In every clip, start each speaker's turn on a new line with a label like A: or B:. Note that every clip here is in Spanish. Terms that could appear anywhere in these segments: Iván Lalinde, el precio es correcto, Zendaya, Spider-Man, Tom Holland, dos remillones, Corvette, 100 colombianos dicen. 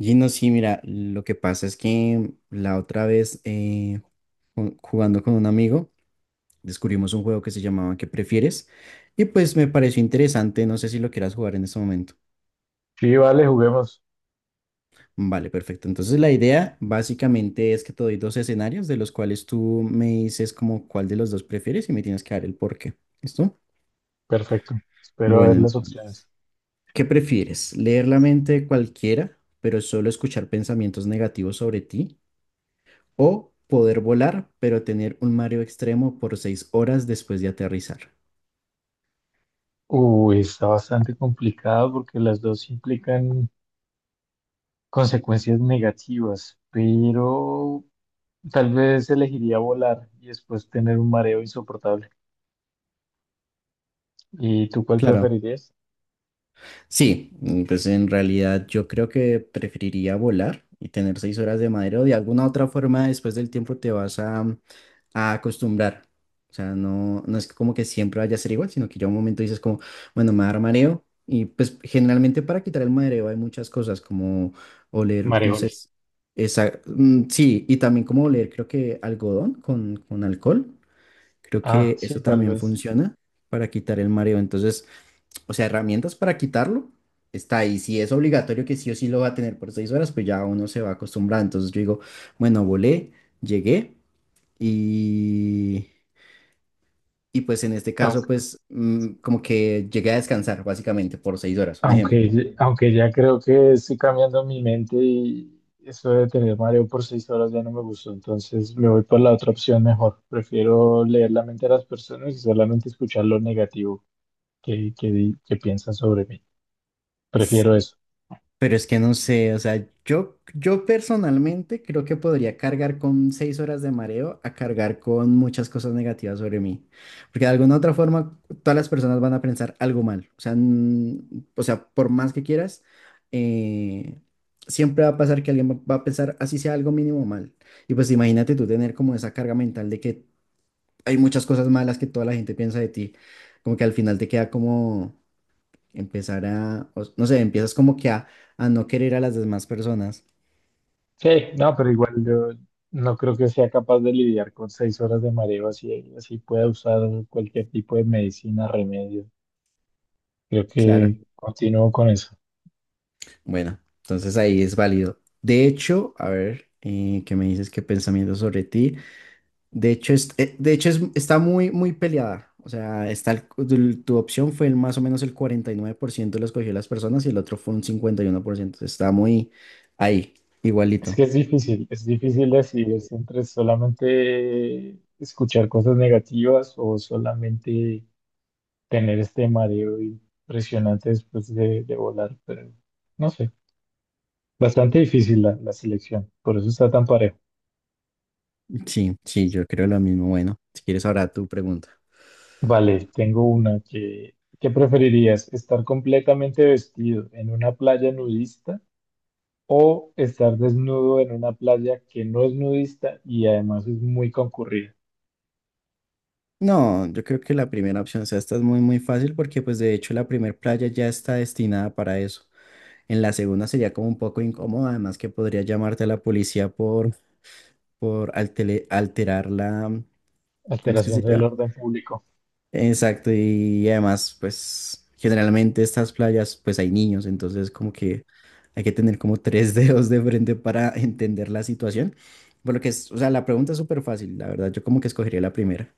A: Y no, sí, mira, lo que pasa es que la otra vez jugando con un amigo descubrimos un juego que se llamaba ¿Qué prefieres? Y pues me pareció interesante, no sé si lo quieras jugar en este momento.
B: Sí, vale, juguemos.
A: Vale, perfecto. Entonces la idea básicamente es que te doy dos escenarios de los cuales tú me dices como cuál de los dos prefieres y me tienes que dar el por qué. ¿Listo?
B: Perfecto. Espero a
A: Bueno,
B: ver las opciones.
A: entonces, ¿qué prefieres? ¿Leer la mente de cualquiera, pero solo escuchar pensamientos negativos sobre ti? ¿O poder volar, pero tener un mareo extremo por seis horas después de aterrizar?
B: Uy, está bastante complicado porque las dos implican consecuencias negativas, pero tal vez elegiría volar y después tener un mareo insoportable. ¿Y tú cuál
A: Claro,
B: preferirías?
A: sí, pues en realidad yo creo que preferiría volar y tener seis horas de mareo. De alguna otra forma, después del tiempo te vas a acostumbrar. O sea, no es como que siempre vaya a ser igual, sino que ya un momento dices como, bueno, me va a dar mareo. Y pues generalmente para quitar el mareo hay muchas cosas como oler, no sé,
B: Mareol.
A: esa, sí, y también como oler creo que algodón con alcohol. Creo
B: Ah,
A: que eso
B: sí, tal
A: también
B: vez.
A: funciona para quitar el mareo. Entonces, o sea, herramientas para quitarlo está ahí. Si es obligatorio que sí o sí lo va a tener por seis horas, pues ya uno se va a acostumbrar. Entonces yo digo, bueno, volé, llegué y, y pues en este caso, pues como que llegué a descansar básicamente por seis horas, un ejemplo.
B: Aunque ya creo que estoy cambiando mi mente y eso de tener mareo por 6 horas ya no me gustó, entonces me voy por la otra opción mejor. Prefiero leer la mente de las personas y solamente escuchar lo negativo que piensan sobre mí. Prefiero eso.
A: Pero es que no sé, o sea, yo personalmente creo que podría cargar con seis horas de mareo a cargar con muchas cosas negativas sobre mí. Porque de alguna otra forma, todas las personas van a pensar algo mal. O sea, o sea, por más que quieras, eh, siempre va a pasar que alguien va a pensar así sea algo mínimo mal. Y pues imagínate tú tener como esa carga mental de que hay muchas cosas malas que toda la gente piensa de ti. Como que al final te queda como empezar a, no sé, empiezas como que a no querer a las demás personas.
B: Sí, no, pero igual yo no creo que sea capaz de lidiar con 6 horas de mareo así pueda usar cualquier tipo de medicina, remedio. Creo
A: Claro.
B: que continúo con eso.
A: Bueno, entonces ahí es válido. De hecho, a ver, ¿qué me dices? ¿Qué pensamiento sobre ti? De hecho, de hecho está muy, muy peleada. O sea, tu opción fue el más o menos el 49% lo escogió las personas y el otro fue un 51%. Está muy ahí,
B: Es
A: igualito.
B: que es difícil decidir es entre solamente escuchar cosas negativas o solamente tener este mareo impresionante después de volar, pero no sé, bastante difícil la selección, por eso está tan parejo.
A: Sí, sí, yo creo lo mismo. Bueno, si quieres ahora tu pregunta.
B: Vale, tengo una que, ¿qué preferirías? ¿Estar completamente vestido en una playa nudista o estar desnudo en una playa que no es nudista y además es muy concurrida?
A: No, yo creo que la primera opción, o sea, esta es muy, muy fácil porque pues de hecho la primera playa ya está destinada para eso. En la segunda sería como un poco incómoda, además que podría llamarte a la policía por alterar la, ¿cómo es que se
B: Alteración del
A: llama?
B: orden público.
A: Exacto, y además pues generalmente estas playas pues hay niños, entonces como que hay que tener como tres dedos de frente para entender la situación. Por lo que es, o sea, la pregunta es súper fácil, la verdad, yo como que escogería la primera.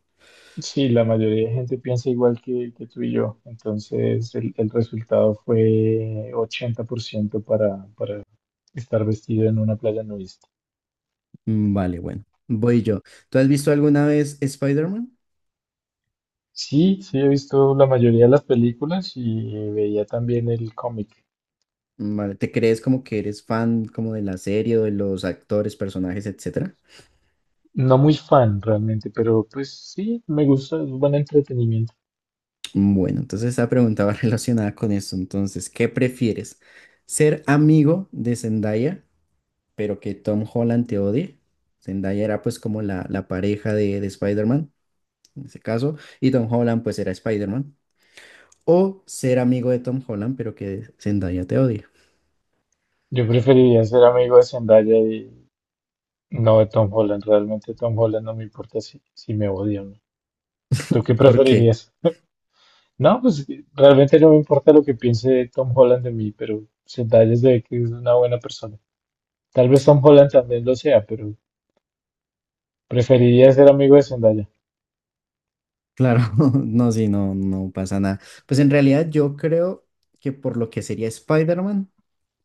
B: Sí, la mayoría de gente piensa igual que tú y yo. Entonces, el resultado fue 80% para estar vestido en una playa nudista.
A: Vale, bueno, voy yo. ¿Tú has visto alguna vez Spider-Man?
B: Sí, sí, he visto la mayoría de las películas y veía también el cómic.
A: Vale, ¿te crees como que eres fan como de la serie o de los actores, personajes, etcétera?
B: No muy fan realmente, pero pues sí, me gusta, es buen entretenimiento.
A: Bueno, entonces esta pregunta va relacionada con esto. Entonces, ¿qué prefieres? ¿Ser amigo de Zendaya, pero que Tom Holland te odie? Zendaya era pues como la pareja de Spider-Man, en ese caso, y Tom Holland pues era Spider-Man. ¿O ser amigo de Tom Holland, pero que Zendaya te odie?
B: Yo preferiría ser amigo de Zendaya y no de Tom Holland. Realmente Tom Holland no me importa si me odia o no. ¿Tú qué
A: ¿Por qué?
B: preferirías? No, pues realmente no me importa lo que piense Tom Holland de mí, pero Zendaya se ve que es una buena persona. Tal vez Tom Holland también lo sea, pero preferiría ser amigo de Zendaya.
A: Claro, no, sí, no, no pasa nada. Pues en realidad yo creo que por lo que sería Spider-Man,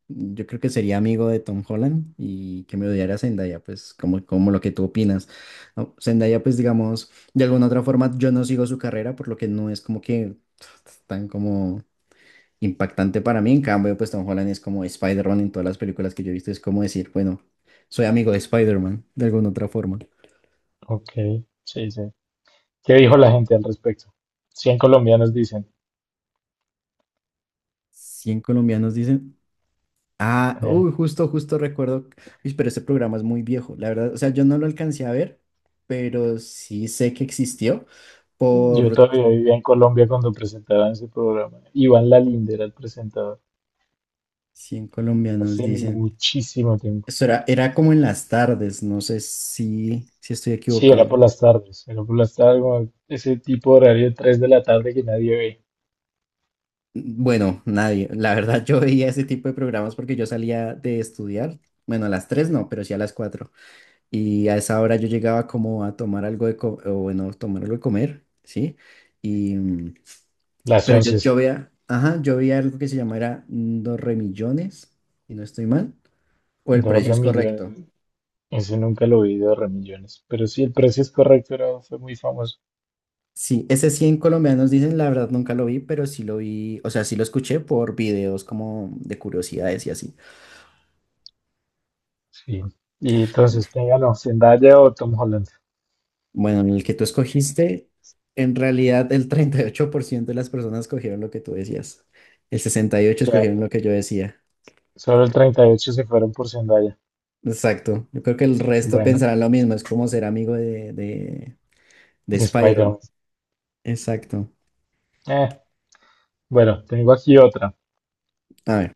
A: yo creo que sería amigo de Tom Holland y que me odiara Zendaya, pues como, como lo que tú opinas. No, Zendaya, pues digamos, de alguna otra forma yo no sigo su carrera, por lo que no es como que tan como impactante para mí. En cambio, pues Tom Holland es como Spider-Man en todas las películas que yo he visto, es como decir, bueno, soy amigo de Spider-Man, de alguna otra forma.
B: Ok, sí, sí. ¿Qué dijo la gente al respecto? 100 colombianos dicen.
A: 100 colombianos dicen... Ah,
B: eh,
A: uy, justo, justo recuerdo. Uy, pero ese programa es muy viejo, la verdad. O sea, yo no lo alcancé a ver, pero sí sé que existió
B: yo
A: por
B: todavía vivía en Colombia cuando presentaban ese programa. Iván Lalinde era el presentador.
A: 100 colombianos,
B: Hace
A: dicen.
B: muchísimo tiempo.
A: Eso era, era como en las tardes, no sé si, si estoy
B: Sí, era por
A: equivocado.
B: las tardes. Era por las tardes, como ese tipo de horario 3 de la tarde que nadie ve.
A: Bueno, nadie. La verdad, yo veía ese tipo de programas porque yo salía de estudiar. Bueno, a las 3 no, pero sí a las cuatro. Y a esa hora yo llegaba como a tomar algo de comer, o bueno, tomar algo de comer, ¿sí?
B: Las
A: Pero
B: once.
A: yo veía, ajá, yo veía algo que se llamara dos remillones, y no estoy mal, o el
B: Dos
A: precio es correcto.
B: remillones. Ese nunca lo vi de Remillones, pero sí, el precio es correcto, fue muy famoso.
A: Sí, ese 100 colombianos dicen, la verdad nunca lo vi, pero sí lo vi, o sea, sí lo escuché por videos como de curiosidades y así.
B: Sí. Y entonces, ¿quién ganó? ¿Zendaya o Tom Holland? O
A: Bueno, en el que tú escogiste, en realidad el 38% de las personas escogieron lo que tú decías. El 68
B: sea,
A: escogieron lo que yo decía.
B: solo el 38 se fueron por Zendaya.
A: Exacto. Yo creo que el resto
B: Bueno,
A: pensarán lo mismo, es como ser amigo de
B: y
A: Spider-Man.
B: Spider-Man.
A: Exacto.
B: Eh, bueno, tengo aquí otra.
A: A ver,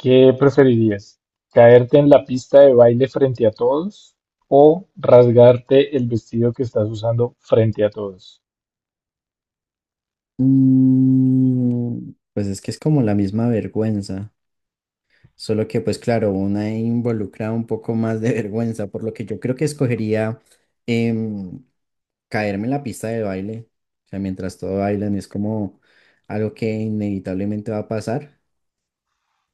B: ¿Qué preferirías? ¿Caerte en la pista de baile frente a todos o rasgarte el vestido que estás usando frente a todos?
A: Pues es que es como la misma vergüenza, solo que pues claro, una involucra un poco más de vergüenza, por lo que yo creo que escogería em, caerme en la pista de baile, o sea, mientras todo bailan es como algo que inevitablemente va a pasar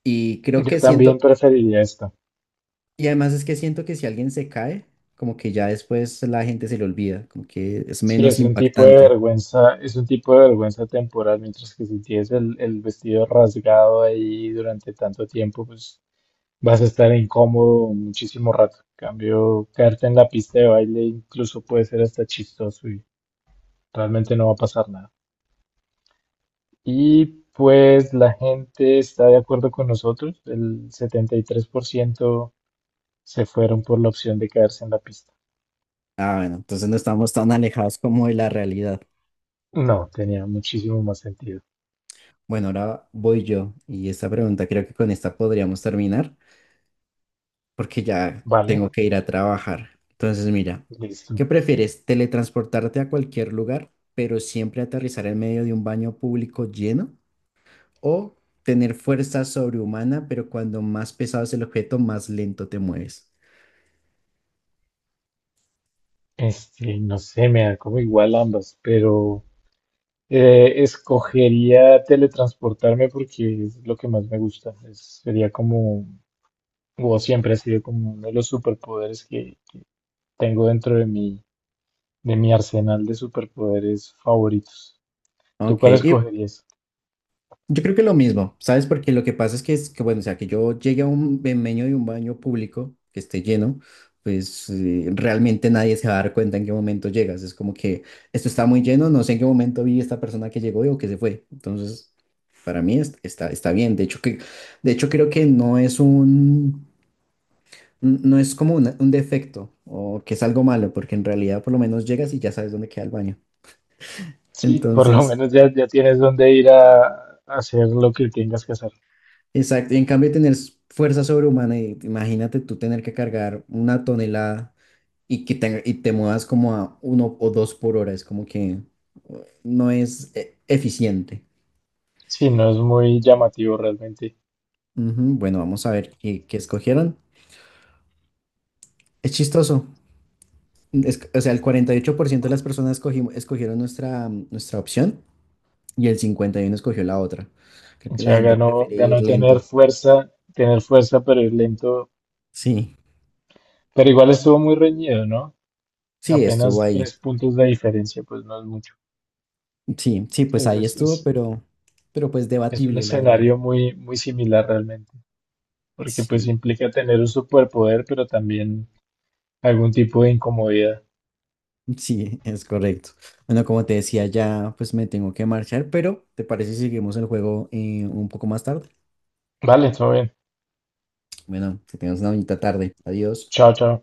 A: y creo
B: Yo
A: que siento,
B: también preferiría esta.
A: y además es que siento que si alguien se cae, como que ya después la gente se le olvida, como que es
B: Sí,
A: menos
B: es un tipo de
A: impactante.
B: vergüenza, es un tipo de vergüenza temporal, mientras que si tienes el vestido rasgado ahí durante tanto tiempo, pues vas a estar incómodo muchísimo rato. En cambio, caerte en la pista de baile incluso puede ser hasta chistoso y realmente no va a pasar nada. Y pues la gente está de acuerdo con nosotros, el 73% se fueron por la opción de caerse en la pista.
A: Ah, bueno, entonces no estamos tan alejados como de la realidad.
B: No, tenía muchísimo más sentido.
A: Bueno, ahora voy yo y esta pregunta creo que con esta podríamos terminar porque ya
B: Vale,
A: tengo que ir a trabajar. Entonces, mira,
B: listo.
A: ¿qué prefieres? ¿Teletransportarte a cualquier lugar, pero siempre aterrizar en medio de un baño público lleno? ¿O tener fuerza sobrehumana, pero cuando más pesado es el objeto, más lento te mueves?
B: Este, no sé, me da como igual ambas, pero escogería teletransportarme porque es lo que más me gusta. Sería como, o siempre ha sido como uno de los superpoderes que tengo dentro de mi arsenal de superpoderes favoritos. ¿Tú
A: Ok,
B: cuál
A: y
B: escogerías?
A: yo creo que lo mismo, ¿sabes? Porque lo que pasa es es que bueno, o sea, que yo llegue a un me meño de un baño público que esté lleno, pues realmente nadie se va a dar cuenta en qué momento llegas. Es como que esto está muy lleno, no sé en qué momento vi esta persona que llegó y o que se fue. Entonces, para mí está, está bien. De hecho, de hecho, creo que no es un, no es como un defecto o que es algo malo, porque en realidad por lo menos llegas y ya sabes dónde queda el baño.
B: Sí, por lo
A: Entonces...
B: menos ya, ya tienes dónde ir a hacer lo que tengas que hacer.
A: Exacto, y en cambio tener fuerza sobrehumana, y imagínate tú tener que cargar una tonelada y que y te muevas como a uno o dos por hora, es como que uh, no es eficiente.
B: Sí, no es muy llamativo realmente.
A: Ujú, bueno, vamos a ver qué, qué escogieron. Es chistoso. O sea, el 48% de las personas escogieron nuestra, nuestra opción y el 51% escogió la otra. Creo
B: O
A: que la
B: sea,
A: gente
B: ganó,
A: prefiere ir
B: ganó
A: lento.
B: tener fuerza, pero ir lento.
A: Sí,
B: Pero igual estuvo muy reñido, ¿no?
A: sí, estuvo
B: Apenas
A: ahí.
B: 3 puntos de diferencia, pues no es mucho.
A: Sí, sí,
B: Sí,
A: pues ahí estuvo, pero pues
B: Es un
A: debatible, la verdad.
B: escenario muy, muy similar realmente, porque pues
A: Sí,
B: implica tener un superpoder, pero también algún tipo de incomodidad.
A: sí, es correcto. Bueno, como te decía, ya pues me tengo que marchar, pero ¿te parece si seguimos el juego un poco más tarde?
B: Vale, todo bien.
A: Bueno, que tengas una bonita tarde. Adiós.
B: Chao, chao.